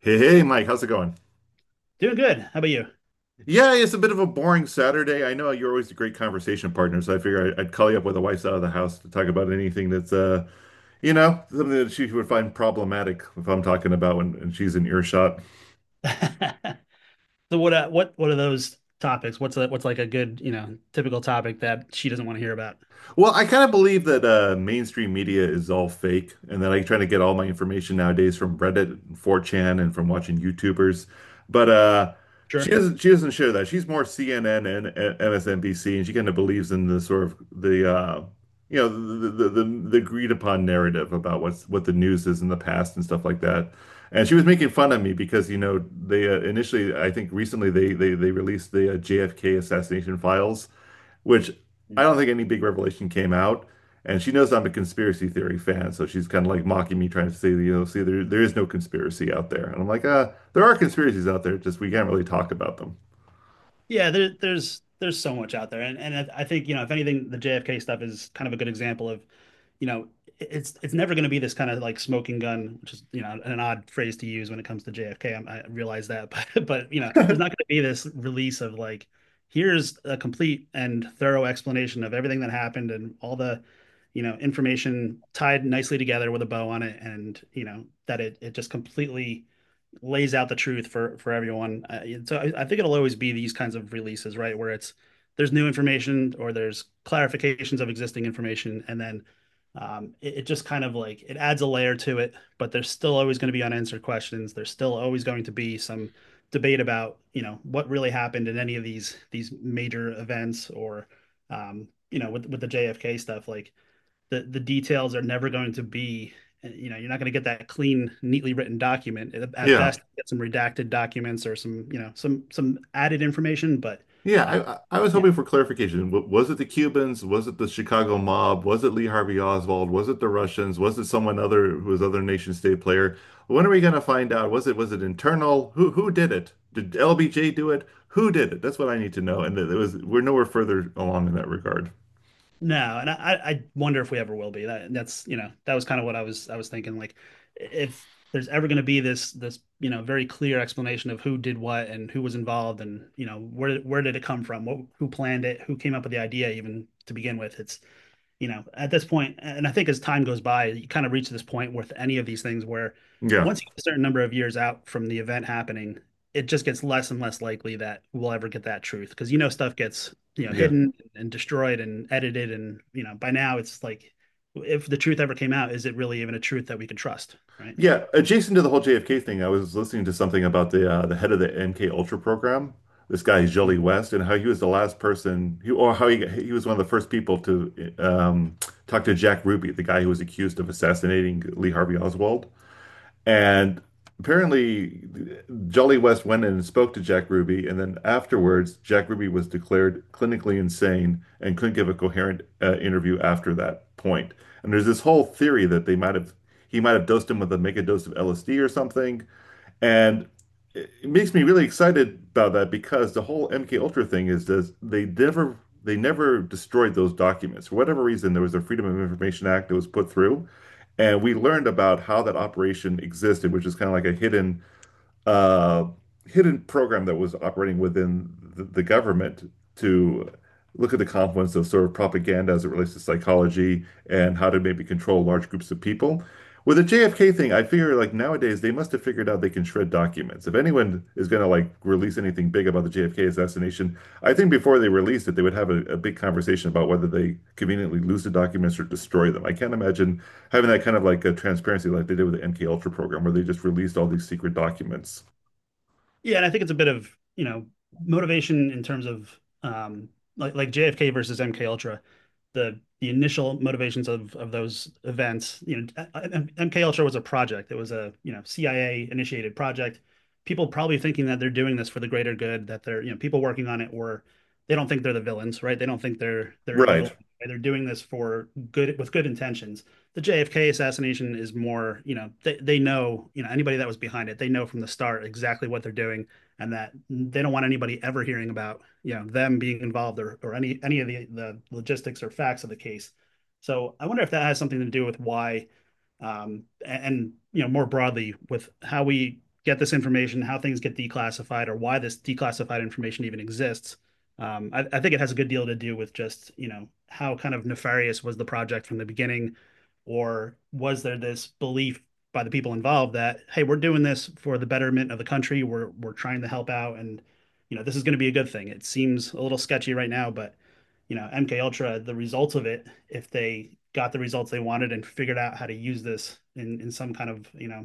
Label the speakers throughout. Speaker 1: Hey, hey, Mike, how's it going?
Speaker 2: Doing good. How about you?
Speaker 1: Yeah, it's a bit of a boring Saturday. I know you're always a great conversation partner, so I figure I'd call you up when the wife's out of the house to talk about anything that's something that she would find problematic if I'm talking about when and she's in earshot.
Speaker 2: So what are those topics? What's like a good, you know, typical topic that she doesn't want to hear about?
Speaker 1: Well, I kind of believe that mainstream media is all fake, and that I try to get all my information nowadays from Reddit and 4chan and from watching YouTubers. But she
Speaker 2: Sure.
Speaker 1: doesn't she doesn't share that. She's more CNN and MSNBC, and she kind of believes in the sort of the you know the agreed upon narrative about what the news is in the past and stuff like that. And she was making fun of me because you know they initially I think recently they released the JFK assassination files which I don't think any big revelation came out. And she knows I'm a conspiracy theory fan, so she's kind of like mocking me, trying to say, you know, see, there is no conspiracy out there. And I'm like, there are conspiracies out there, just we can't really talk about them.
Speaker 2: Yeah, there's so much out there, and I think, you know, if anything, the JFK stuff is kind of a good example of, you know, it's never going to be this kind of like smoking gun, which is, you know, an odd phrase to use when it comes to JFK. I realize that, but there's not going to be this release of like, here's a complete and thorough explanation of everything that happened and all the, you know, information tied nicely together with a bow on it, and you know that it just completely lays out the truth for everyone. So I think it'll always be these kinds of releases, right? Where it's there's new information or there's clarifications of existing information, and then it just kind of like it adds a layer to it. But there's still always going to be unanswered questions. There's still always going to be some debate about, you know, what really happened in any of these major events. Or you know, with the JFK stuff, like the details are never going to be you know, you're not going to get that clean, neatly written document. At
Speaker 1: Yeah.
Speaker 2: best you get some redacted documents or some, you know, some added information. But
Speaker 1: Yeah,
Speaker 2: uh,
Speaker 1: I was
Speaker 2: yeah,
Speaker 1: hoping for clarification. Was it the Cubans? Was it the Chicago mob? Was it Lee Harvey Oswald? Was it the Russians? Was it someone other who was other nation state player? When are we going to find out? Was it internal? Who did it? Did LBJ do it? Who did it? That's what I need to know. And it was we're nowhere further along in that regard.
Speaker 2: no, and I wonder if we ever will be. That that's, you know, that was kind of what I was thinking, like if there's ever going to be this, you know, very clear explanation of who did what and who was involved and, you know, where did it come from, what, who planned it, who came up with the idea even to begin with. It's, you know, at this point, and I think as time goes by, you kind of reach this point with any of these things where
Speaker 1: Yeah,
Speaker 2: once you get a certain number of years out from the event happening, it just gets less and less likely that we'll ever get that truth, because, you know, stuff gets, you know,
Speaker 1: yeah,
Speaker 2: hidden and destroyed and edited, and you know by now it's like if the truth ever came out, is it really even a truth that we can trust, right?
Speaker 1: yeah. Adjacent to the whole JFK thing, I was listening to something about the head of the MK Ultra program, this guy
Speaker 2: Yeah.
Speaker 1: Jolly West, and how he was the last person, he, or how he he was one of the first people to talk to Jack Ruby, the guy who was accused of assassinating Lee Harvey Oswald. And apparently, Jolly West went in and spoke to Jack Ruby, and then afterwards, Jack Ruby was declared clinically insane and couldn't give a coherent interview after that point. And there's this whole theory that they might have he might have dosed him with a mega dose of LSD or something, and it makes me really excited about that because the whole MK Ultra thing is this, they never destroyed those documents. For whatever reason, there was a Freedom of Information Act that was put through, and we learned about how that operation existed, which is kind of like a hidden uh, hidden program that was operating within the government to look at the confluence of sort of propaganda as it relates to psychology and how to maybe control large groups of people. With the JFK thing, I figure like nowadays they must have figured out they can shred documents. If anyone is going to like release anything big about the JFK assassination, I think before they released it, they would have a big conversation about whether they conveniently lose the documents or destroy them. I can't imagine having that kind of like a transparency like they did with the MK Ultra program, where they just released all these secret documents.
Speaker 2: Yeah, and I think it's a bit of, you know, motivation in terms of like JFK versus MK Ultra, the initial motivations of those events. You know, MK Ultra was a project. It was a, you know, CIA initiated project. People probably thinking that they're doing this for the greater good, that they're, you know, people working on it were, they don't think they're the villains, right? They don't think they're
Speaker 1: Right.
Speaker 2: evil. They're doing this for good with good intentions. The JFK assassination is more, you know, they know, you know, anybody that was behind it, they know from the start exactly what they're doing, and that they don't want anybody ever hearing about, you know, them being involved, or any of the logistics or facts of the case. So I wonder if that has something to do with why, and, you know, more broadly with how we get this information, how things get declassified, or why this declassified information even exists. I think it has a good deal to do with just, you know, how kind of nefarious was the project from the beginning, or was there this belief by the people involved that, hey, we're doing this for the betterment of the country, we're trying to help out, and, you know, this is going to be a good thing. It seems a little sketchy right now, but you know, MK Ultra, the results of it, if they got the results they wanted and figured out how to use this in some kind of, you know,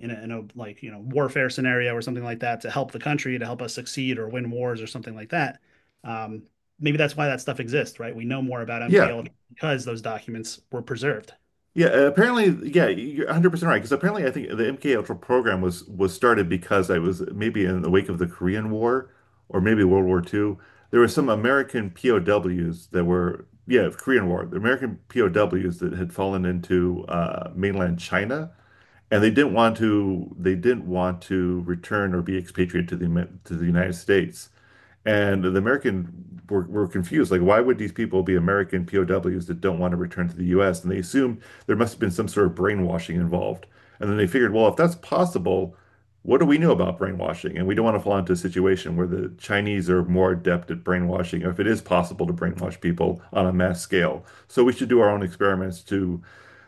Speaker 2: in a like, you know, warfare scenario or something like that to help the country, to help us succeed or win wars or something like that. Um, Maybe that's why that stuff exists, right? We know more about MK
Speaker 1: Yeah.
Speaker 2: Ultra because those documents were preserved.
Speaker 1: Yeah, apparently, yeah, you're 100% right. Because apparently, I think the MK Ultra program was started because I was maybe in the wake of the Korean War or maybe World War II. There were some American POWs that were, yeah, Korean War, the American POWs that had fallen into mainland China, and they didn't want to return or be expatriated to the to the United States. And the American were confused. Like, why would these people be American POWs that don't want to return to the US? And they assumed there must have been some sort of brainwashing involved. And then they figured, well, if that's possible, what do we know about brainwashing? And we don't want to fall into a situation where the Chinese are more adept at brainwashing, or if it is possible to brainwash people on a mass scale. So we should do our own experiments to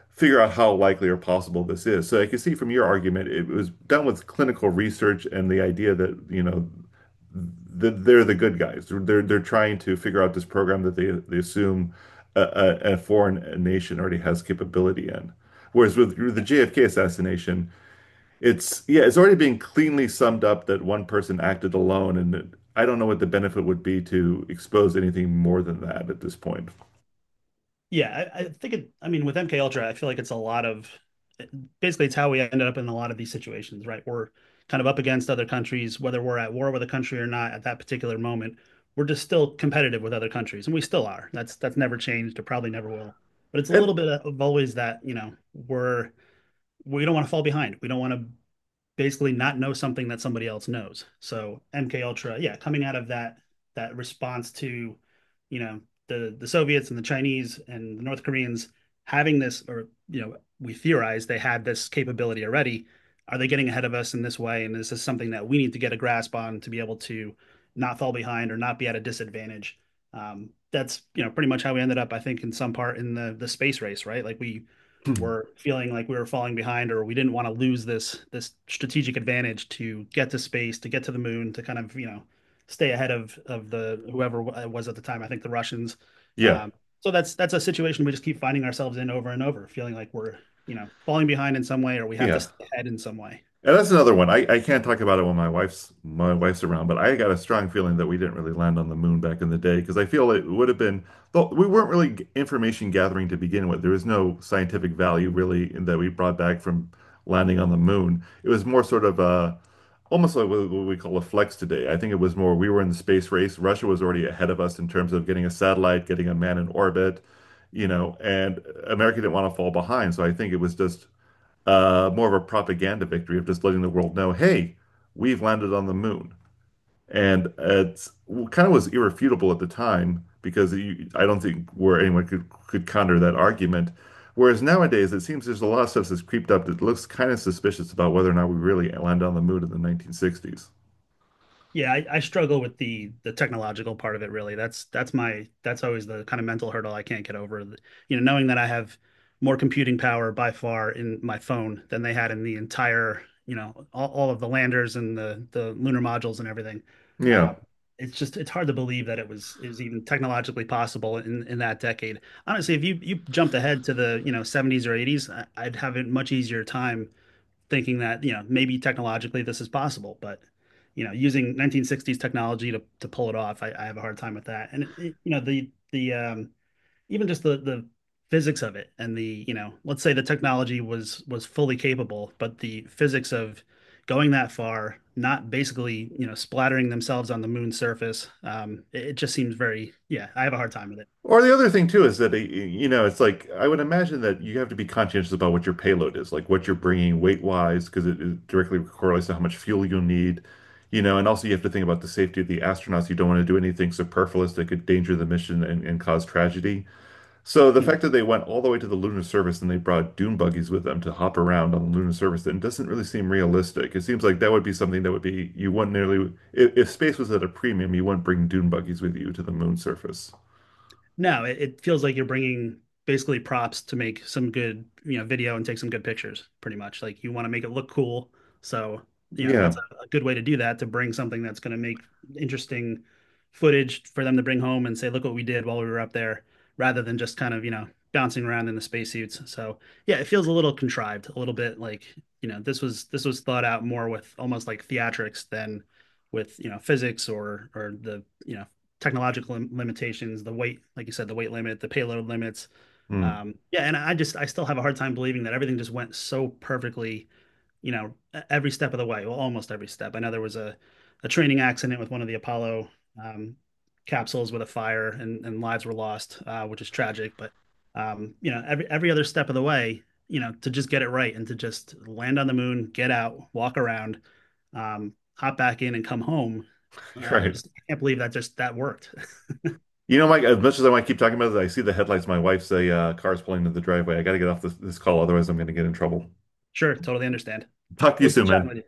Speaker 1: figure out how likely or possible this is. So I can see from your argument, it was done with clinical research and the idea that, you know, they're the good guys. They're trying to figure out this program that they assume a, foreign nation already has capability in. Whereas with the JFK assassination, it's yeah, it's already being cleanly summed up that one person acted alone, and I don't know what the benefit would be to expose anything more than that at this point.
Speaker 2: Yeah, I think it, I mean, with MK Ultra, I feel like it's a lot of, basically, it's how we ended up in a lot of these situations, right? We're kind of up against other countries, whether we're at war with a country or not at that particular moment. We're just still competitive with other countries, and we still are. That's never changed. It probably never will. But it's a
Speaker 1: And
Speaker 2: little bit of always that, you know, we're, we don't want to fall behind. We don't want to basically not know something that somebody else knows. So MK Ultra, yeah, coming out of that, that response to, you know, the Soviets and the Chinese and the North Koreans having this, or, you know, we theorize they had this capability already. Are they getting ahead of us in this way? And this is something that we need to get a grasp on to be able to not fall behind or not be at a disadvantage. That's, you know, pretty much how we ended up, I think, in some part, in the space race, right? Like we were feeling like we were falling behind, or we didn't want to lose this strategic advantage to get to space, to get to the moon, to kind of, you know, stay ahead of the, whoever it was at the time. I think the Russians.
Speaker 1: yeah,
Speaker 2: Um, so that's a situation we just keep finding ourselves in over and over, feeling like we're, you know, falling behind in some way, or we have to
Speaker 1: yeah.
Speaker 2: stay ahead in some way.
Speaker 1: And that's another one. I can't talk about it when my wife's around, but I got a strong feeling that we didn't really land on the moon back in the day because I feel it would have been, though we weren't really information gathering to begin with. There was no scientific value really in- that we brought back from landing on the moon. It was more sort of a, almost like what we call a flex today. I think it was more we were in the space race. Russia was already ahead of us in terms of getting a satellite, getting a man in orbit, you know, and America didn't want to fall behind. So I think it was just more of a propaganda victory of just letting the world know, hey, we've landed on the moon. And it kind of was irrefutable at the time because you, I don't think where anyone could counter that argument. Whereas nowadays, it seems there's a lot of stuff that's creeped up that looks kind of suspicious about whether or not we really landed on the moon in the 1960s.
Speaker 2: Yeah, I struggle with the technological part of it, really. That's my, that's always the kind of mental hurdle I can't get over. You know, knowing that I have more computing power by far in my phone than they had in the entire, you know, all of the landers and the lunar modules and everything. Um,
Speaker 1: Yeah.
Speaker 2: it's just, it's hard to believe that it was, it was even technologically possible in that decade. Honestly, if you jumped ahead to the, you know, 70s or 80s, I'd have a much easier time thinking that, you know, maybe technologically this is possible, but you know, using 1960s technology to pull it off, I have a hard time with that. And it- you know, the even just the physics of it, and the, you know, let's say the technology was fully capable, but the physics of going that far, not basically, you know, splattering themselves on the moon's surface, it, it just seems very, yeah. I have a hard time with it.
Speaker 1: Or the other thing too is that you know it's like I would imagine that you have to be conscientious about what your payload is, like what you're bringing weight wise, because it directly correlates to how much fuel you'll need, you know. And also you have to think about the safety of the astronauts. You don't want to do anything superfluous that could endanger the mission and cause tragedy. So the
Speaker 2: Mhm.
Speaker 1: fact that they went all the way to the lunar surface and they brought dune buggies with them to hop around on the lunar surface, then doesn't really seem realistic. It seems like that would be something that would be you wouldn't nearly if space was at a premium, you wouldn't bring dune buggies with you to the moon surface.
Speaker 2: No, it feels like you're bringing basically props to make some good, you know, video and take some good pictures, pretty much. Like you want to make it look cool. So, you know, that's
Speaker 1: Yeah.
Speaker 2: a good way to do that, to bring something that's going to make interesting footage for them to bring home and say, look what we did while we were up there, rather than just kind of, you know, bouncing around in the spacesuits. So, yeah, it feels a little contrived, a little bit like, you know, this was, this was thought out more with almost like theatrics than with, you know, physics or the, you know, technological limitations, the weight, like you said, the weight limit, the payload limits.
Speaker 1: Mm,
Speaker 2: Yeah, and I just, I still have a hard time believing that everything just went so perfectly, you know, every step of the way. Well, almost every step. I know there was a training accident with one of the Apollo um, capsules with a fire, and lives were lost, which is tragic. But you know, every other step of the way, you know, to just get it right and to just land on the moon, get out, walk around, hop back in, and come home. I
Speaker 1: right.
Speaker 2: just, I can't believe that just that worked.
Speaker 1: You know, Mike, as much as I want to keep talking about this, I see the headlights of my wife's car's pulling into the driveway. I got to get off this call, otherwise I'm going to get in trouble.
Speaker 2: Sure, totally understand.
Speaker 1: Talk to you
Speaker 2: Well, good
Speaker 1: soon,
Speaker 2: chatting
Speaker 1: man.
Speaker 2: with you.